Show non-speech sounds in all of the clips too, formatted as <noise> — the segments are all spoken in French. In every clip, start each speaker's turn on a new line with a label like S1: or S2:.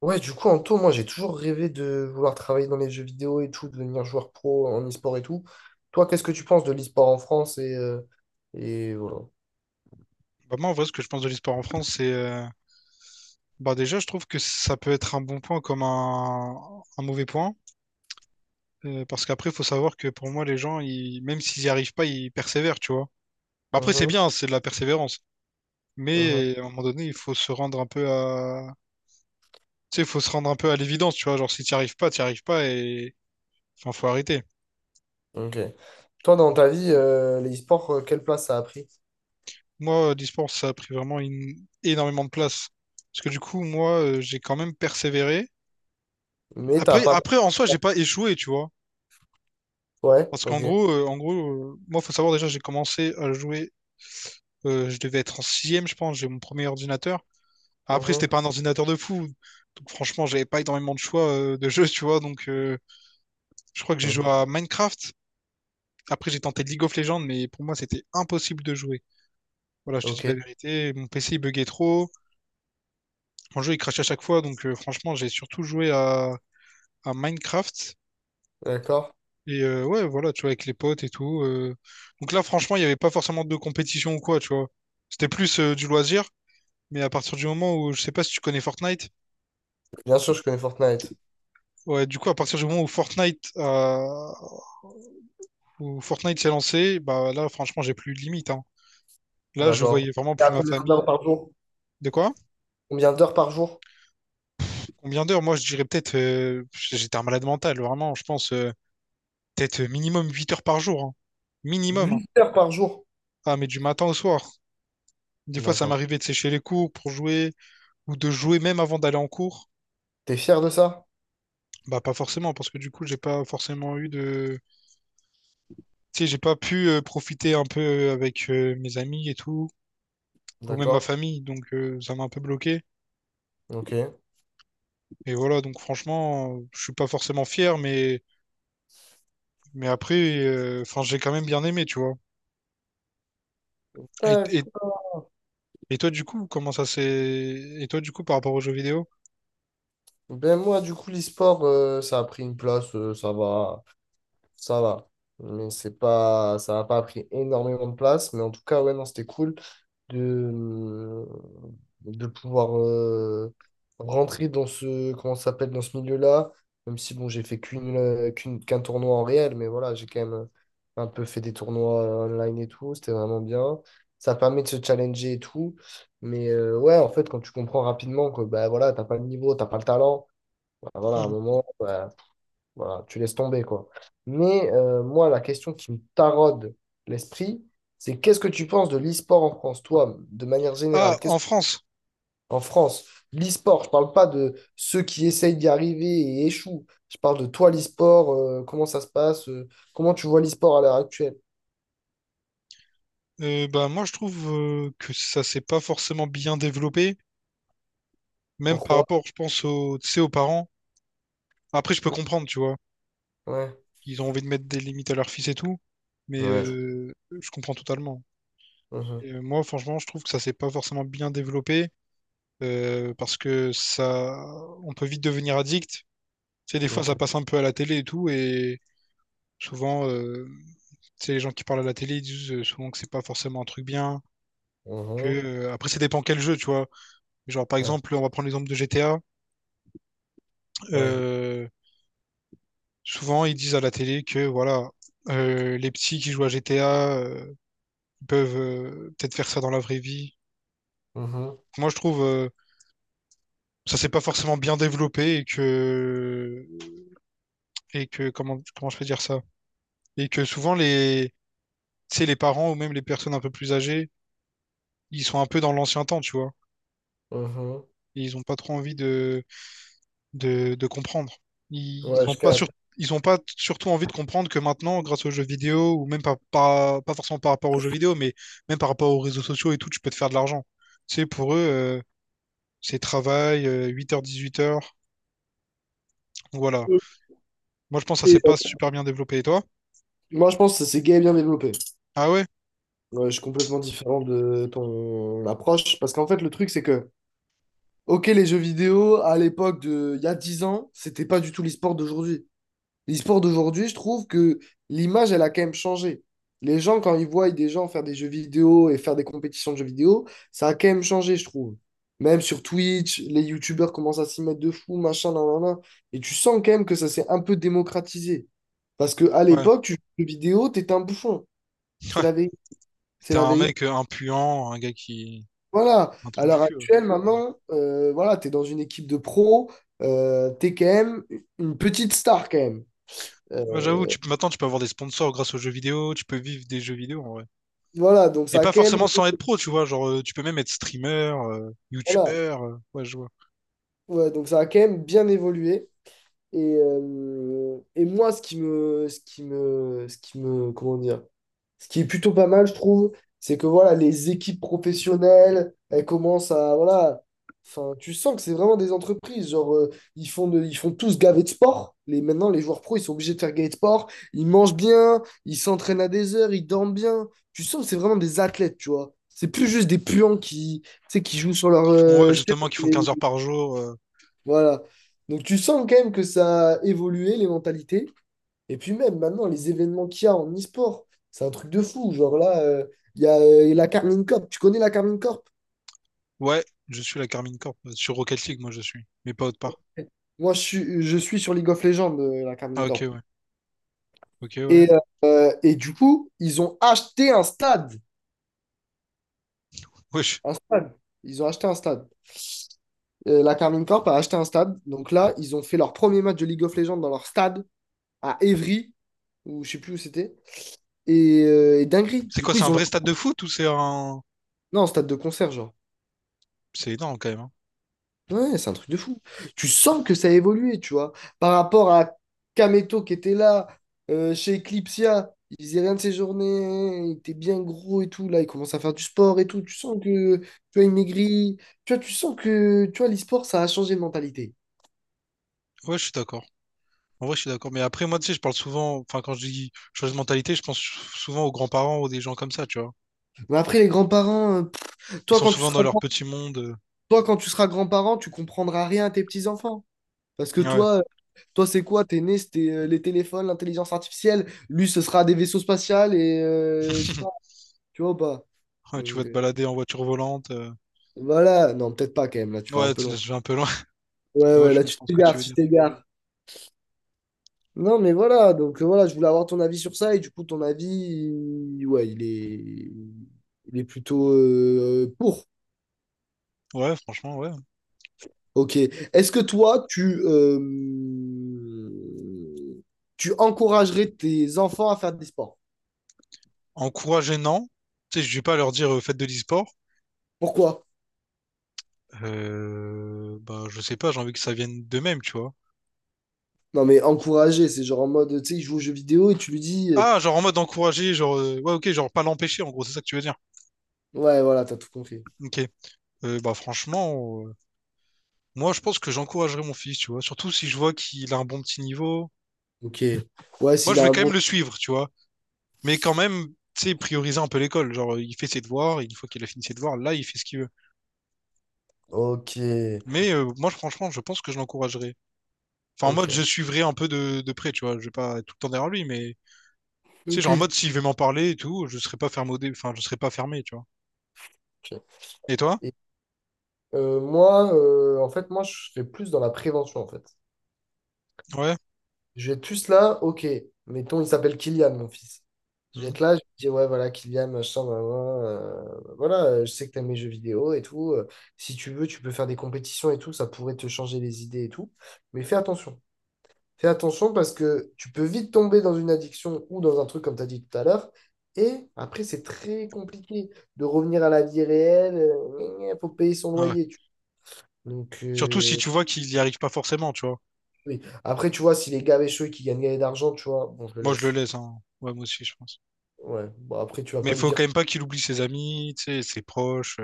S1: Ouais, du coup, en tout, moi, j'ai toujours rêvé de vouloir travailler dans les jeux vidéo et tout, de devenir joueur pro en e-sport et tout. Toi, qu'est-ce que tu penses de l'e-sport en France et voilà.
S2: Bah, moi, en vrai, ce que je pense de l'e-sport en France, c'est. Bah, déjà, je trouve que ça peut être un bon point comme un mauvais point. Parce qu'après, il faut savoir que pour moi, les gens, même s'ils n'y arrivent pas, ils persévèrent, tu vois. Bah, après, c'est
S1: Mhm.
S2: bien, c'est de la persévérance.
S1: Mhm.
S2: Mais à un moment donné, il faut se rendre un peu à. Tu sais, il faut se rendre un peu à l'évidence, tu vois. Genre, si tu n'y arrives pas, tu n'y arrives pas et. Enfin, faut arrêter.
S1: Ok. Toi, dans ta vie, l'e-sport, quelle place ça a pris?
S2: Moi, l'e-sport, ça a pris vraiment énormément de place. Parce que du coup, moi, j'ai quand même persévéré.
S1: Mais t'as
S2: Après,
S1: pas...
S2: après, en soi, j'ai pas échoué, tu vois.
S1: Ouais,
S2: Parce qu'en
S1: ok.
S2: gros, euh, en gros, moi, faut savoir déjà, j'ai commencé à jouer, je devais être en sixième, je pense, j'ai mon premier ordinateur. Après,
S1: Mhm.
S2: c'était pas un ordinateur de fou, donc franchement, j'avais pas énormément de choix de jeux, tu vois. Donc, je crois que j'ai
S1: Mhm.
S2: joué à Minecraft. Après, j'ai tenté League of Legends, mais pour moi, c'était impossible de jouer. Voilà, je te dis
S1: Ok,
S2: la vérité, mon PC il buguait trop, mon jeu il crachait à chaque fois, donc franchement, j'ai surtout joué à, Minecraft.
S1: d'accord.
S2: Et ouais, voilà, tu vois, avec les potes et tout. Donc là, franchement, il n'y avait pas forcément de compétition ou quoi, tu vois. C'était plus du loisir, mais à partir du moment où, je sais pas si tu connais Fortnite,
S1: Bien sûr, je connais Fortnite.
S2: ouais, du coup, à partir du moment où Fortnite s'est lancé, bah là, franchement, j'ai plus eu de limite, hein. Là, je
S1: D'accord.
S2: voyais vraiment
S1: Et à
S2: plus ma
S1: combien
S2: famille.
S1: d'heures par jour?
S2: De quoi?
S1: Combien d'heures par jour?
S2: Combien d'heures? Moi, je dirais peut-être, j'étais un malade mental, vraiment, je pense, peut-être minimum 8 heures par jour, hein. Minimum, hein.
S1: 8 heures par jour.
S2: Ah, mais du matin au soir. Des fois, ça
S1: D'accord.
S2: m'arrivait de sécher les cours pour jouer. Ou de jouer même avant d'aller en cours,
S1: T'es fier de ça?
S2: bah pas forcément, parce que du coup, j'ai pas forcément eu de. Tu sais, j'ai pas pu profiter un peu avec mes amis et tout, ou même ma
S1: D'accord.
S2: famille, donc ça m'a un peu bloqué.
S1: Ok.
S2: Et voilà, donc franchement, je suis pas forcément fier, mais après, enfin, j'ai quand même bien aimé, tu vois. Et, et,
S1: D'accord.
S2: et toi, du coup, comment ça s'est. Et toi, du coup, par rapport aux jeux vidéo?
S1: Ben moi, du coup, l'e-sport, ça a pris une place, ça va, ça va. Mais c'est pas, ça n'a pas pris énormément de place. Mais en tout cas, ouais, non, c'était cool. de, mmh, de pouvoir rentrer dans ce, comment ça s'appelle, dans ce milieu-là, même si bon, j'ai fait qu'un tournoi en réel, mais voilà, j'ai quand même un peu fait des tournois online et tout, c'était vraiment bien. Ça permet de se challenger et tout. Mais ouais, en fait, quand tu comprends rapidement que bah voilà, t'as pas le niveau, t'as pas le talent, bah, voilà, à un
S2: Mhm.
S1: moment, bah, voilà, tu laisses tomber, quoi. Mais moi, la question qui me taraude l'esprit, c'est qu'est-ce que tu penses de l'e-sport en France, toi, de manière
S2: Ah,
S1: générale? Qu'est-ce
S2: en France,
S1: En France, l'e-sport, je parle pas de ceux qui essayent d'y arriver et échouent. Je parle de toi, l'e-sport, comment ça se passe, comment tu vois l'e-sport à l'heure actuelle?
S2: bah, moi, je trouve que ça s'est pas forcément bien développé, même par
S1: Pourquoi?
S2: rapport, je pense, aux, tu sais, aux parents. Après, je peux
S1: Mm.
S2: comprendre, tu vois.
S1: Ouais,
S2: Ils ont envie de mettre des limites à leur fils et tout, mais
S1: ouais,
S2: je comprends totalement.
S1: mhm,
S2: Et, moi, franchement, je trouve que ça s'est pas forcément bien développé parce que ça, on peut vite devenir addict. Tu sais, des fois, ça
S1: ok.
S2: passe un peu à la télé et tout, et souvent, tu sais, les gens qui parlent à la télé, ils disent souvent que c'est pas forcément un truc bien. Que,
S1: Mhm,
S2: après, ça dépend quel jeu, tu vois. Genre, par
S1: ouais,
S2: exemple, on va prendre l'exemple de GTA.
S1: ouais,
S2: Euh, souvent, ils disent à la télé que voilà, les petits qui jouent à GTA. Ils peuvent peut-être faire ça dans la vraie vie.
S1: mhm,
S2: Moi, je trouve ça s'est pas forcément bien développé et que comment je peux dire ça? Et que souvent les tu sais, les parents ou même les personnes un peu plus âgées, ils sont un peu dans l'ancien temps, tu vois.
S1: mhm.
S2: Ils ont pas trop envie de comprendre. Ils
S1: Ouais,
S2: ont
S1: je
S2: pas sur-
S1: capte.
S2: Ils ont pas surtout envie de comprendre que maintenant, grâce aux jeux vidéo ou même pas forcément par rapport aux jeux vidéo, mais même par rapport aux réseaux sociaux et tout, tu peux te faire de l'argent. Tu sais, pour eux, c'est travail, 8h-18h. Voilà. Moi, je pense que ça s'est
S1: Et
S2: pas super bien développé. Et toi?
S1: moi, je pense que c'est gay et bien développé.
S2: Ah ouais?
S1: Ouais, je suis complètement différent de ton approche. Parce qu'en fait, le truc, c'est que, ok, les jeux vidéo, à l'époque il y a 10 ans, c'était pas du tout l'e-sport d'aujourd'hui. L'e-sport d'aujourd'hui, je trouve que l'image, elle a quand même changé. Les gens, quand ils voient des gens faire des jeux vidéo et faire des compétitions de jeux vidéo, ça a quand même changé, je trouve. Même sur Twitch, les youtubeurs commencent à s'y mettre de fou, machin, nan, nan, nan. Et tu sens quand même que ça s'est un peu démocratisé. Parce que à
S2: Ouais.
S1: l'époque, tu jouais aux jeux vidéo, t'étais un bouffon. C'est la
S2: <laughs> Ouais.
S1: vérité. C'est
S2: T'es
S1: la
S2: un
S1: vérité.
S2: mec impuant, un gars qui...
S1: Voilà,
S2: Un
S1: à
S2: trou du
S1: l'heure
S2: cul, ouais.
S1: actuelle, maintenant, voilà, tu es dans une équipe de pro, tu es quand même une petite star quand même. Euh,
S2: Bah, j'avoue, tu peux... maintenant, tu peux avoir des sponsors grâce aux jeux vidéo, tu peux vivre des jeux vidéo, en vrai.
S1: voilà, donc
S2: Et
S1: ça a
S2: pas
S1: quand même,
S2: forcément sans être pro, tu vois. Genre, tu peux même être streamer,
S1: voilà,
S2: youtubeur, ouais, je vois.
S1: ouais, donc ça a quand même bien évolué. Et moi, ce qui me, ce qui me, ce qui me, comment dire, ce qui est plutôt pas mal, je trouve, c'est que voilà, les équipes professionnelles, elles commencent à, voilà, enfin, tu sens que c'est vraiment des entreprises. Genre, ils font tous gaver de sport. Maintenant, les joueurs pros, ils sont obligés de faire gaver de sport. Ils mangent bien, ils s'entraînent à des heures, ils dorment bien. Tu sens que c'est vraiment des athlètes, tu vois. C'est plus juste des puants qui, tu sais, qui jouent sur leur
S2: Qui font, ouais,
S1: chaise
S2: justement, qui font
S1: et-
S2: 15 heures par jour.
S1: voilà. Donc, tu sens quand même que ça a évolué, les mentalités. Et puis même maintenant, les événements qu'il y a en e-sport, c'est un truc de fou. Genre là, il y a la Carmine Corp. Tu connais la Carmine Corp?
S2: Ouais, je suis la Carmine Corp. Sur Rocket League, moi, je suis. Mais pas autre part.
S1: Moi, je suis sur League of Legends, la
S2: Ah,
S1: Carmine
S2: ok,
S1: Corp.
S2: ouais. Ok, ouais.
S1: Et, et du coup, ils ont acheté un stade.
S2: Wesh.
S1: Un stade. Ils ont acheté un stade. La Carmine Corp a acheté un stade. Donc là, ils ont fait leur premier match de League of Legends dans leur stade à Évry, ou je sais plus où c'était. Et dinguerie.
S2: C'est
S1: Du
S2: quoi,
S1: coup,
S2: c'est un
S1: ils ont.
S2: vrai stade de foot ou c'est un...
S1: Non, stade de concert, genre.
S2: C'est énorme, quand même, hein.
S1: Ouais, c'est un truc de fou. Tu sens que ça a évolué, tu vois. Par rapport à Kameto qui était là, chez Eclipsia, il faisait rien de ses journées, il était bien gros et tout. Là, il commence à faire du sport et tout. Tu sens que, tu vois, il maigrit. Tu vois, tu sens que, tu vois, l'e-sport, ça a changé de mentalité.
S2: Ouais, je suis d'accord. En vrai, je suis d'accord. Mais après, moi, tu sais, je parle souvent, enfin, quand je dis chose de mentalité, je pense souvent aux grands-parents ou des gens comme ça, tu vois.
S1: Mais après, les grands-parents,
S2: Ils
S1: toi,
S2: sont
S1: quand tu
S2: souvent dans
S1: seras
S2: leur
S1: grand,
S2: petit monde.
S1: toi, quand tu seras grand-parent, tu comprendras rien à tes petits-enfants. Parce que
S2: Ouais.
S1: toi, c'est quoi? T'es né, c'était les téléphones, l'intelligence artificielle. Lui, ce sera des vaisseaux spatials et, je sais pas.
S2: <laughs>
S1: Tu vois ou pas?
S2: Ouais, tu vas
S1: Donc,
S2: te balader en voiture volante.
S1: voilà, non, peut-être pas quand même, là, tu vas un
S2: Ouais,
S1: peu
S2: là,
S1: long.
S2: je vais un peu loin. <laughs>
S1: Ouais,
S2: Tu vois,
S1: ouais,
S2: je
S1: là, tu
S2: comprends ce que tu
S1: t'égares,
S2: veux
S1: tu
S2: dire.
S1: t'égares. Non, mais voilà, donc voilà, je voulais avoir ton avis sur ça, et du coup, ton avis, ouais, il est plutôt pour.
S2: Ouais, franchement, ouais.
S1: Ok. Est-ce que toi, euh, tu encouragerais tes enfants à faire des sports?
S2: Encourager, non. Tu sais, je vais pas leur dire faites de l'e-sport.
S1: Pourquoi?
S2: Bah, je sais pas, j'ai envie que ça vienne d'eux-mêmes, tu vois.
S1: Non, mais encourager, c'est genre en mode, tu sais, il joue aux jeux vidéo et tu lui dis,
S2: Ah, genre en mode encourager, genre, ouais, ok, genre pas l'empêcher, en gros, c'est ça que tu veux dire.
S1: ouais, voilà, t'as tout compris.
S2: Ok. Bah, franchement. Moi, je pense que j'encouragerais mon fils, tu vois. Surtout si je vois qu'il a un bon petit niveau.
S1: Ok. Ouais,
S2: Moi,
S1: s'il
S2: je
S1: a
S2: vais
S1: un
S2: quand
S1: bon.
S2: même le suivre, tu vois. Mais quand même, tu sais, prioriser un peu l'école. Genre, il fait ses devoirs, et une fois qu'il a fini ses devoirs, là, il fait ce qu'il veut.
S1: Ok.
S2: Mais moi, franchement, je pense que je l'encouragerais. Enfin, en mode, je
S1: Ok.
S2: suivrai un peu de près, tu vois. Je vais pas être tout le temps derrière lui, mais tu sais,
S1: Ok.
S2: genre en mode, s'il veut m'en parler et tout, je serai pas fermé, enfin, je serai pas fermé, tu vois.
S1: Ok.
S2: Et toi?
S1: Et, en fait, moi, je serais plus dans la prévention, en fait.
S2: Ouais.
S1: Je vais être plus là, ok, mettons, il s'appelle Kylian, mon fils. Je vais
S2: Mhm.
S1: être là, je vais dire, ouais, voilà, Kylian, machin, blablabla, voilà, je sais que t'aimes mes jeux vidéo et tout. Si tu veux, tu peux faire des compétitions et tout, ça pourrait te changer les idées et tout. Mais fais attention. Fais attention parce que tu peux vite tomber dans une addiction ou dans un truc, comme tu as dit tout à l'heure. Et après, c'est très compliqué de revenir à la vie réelle. Il faut payer son
S2: Ouais.
S1: loyer. Donc,
S2: Surtout si tu vois qu'il y arrive pas forcément, tu vois.
S1: oui. Après, tu vois, si les gars avaient chaud et qu'ils gagnent gagner d'argent, tu vois, bon, je le
S2: Moi, je le
S1: laisse.
S2: laisse, hein. Ouais, moi aussi, je pense.
S1: Ouais. Bon, après, tu vas
S2: Mais
S1: pas
S2: il
S1: lui
S2: faut quand
S1: dire.
S2: même pas qu'il oublie ses amis, tu sais, ses proches.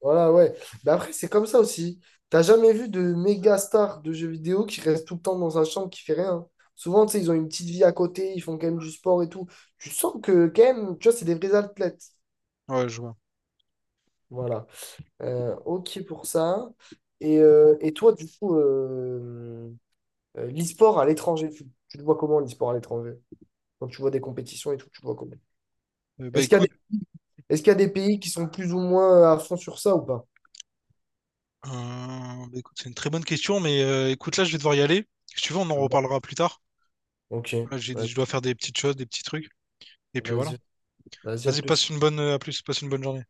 S1: Voilà, ouais. Mais après, c'est comme ça aussi. T'as jamais vu de méga star de jeux vidéo qui reste tout le temps dans sa chambre, qui fait rien. Souvent, tu sais, ils ont une petite vie à côté, ils font quand même du sport et tout. Tu sens que, quand même, tu vois, c'est des vrais athlètes.
S2: Ouais, je vois.
S1: Voilà. Ok pour ça. Et toi, du coup, l'e-sport à l'étranger, tu le vois comment l'e-sport à l'étranger? Quand tu vois des compétitions et tout, tu le vois comment?
S2: Euh, bah
S1: Est-ce qu'il y a
S2: écoute,
S1: est-ce qu'il y a des pays qui sont plus ou moins à fond sur ça ou pas?
S2: bah, écoute, c'est une très bonne question, mais écoute, là, je vais devoir y aller. Si tu veux, on en reparlera plus tard.
S1: Ok,
S2: Là, je dois
S1: vas-y,
S2: faire des petites choses, des petits trucs. Et puis voilà.
S1: vas-y, vas-y, à
S2: Vas-y,
S1: plus.
S2: à plus, passe une bonne journée.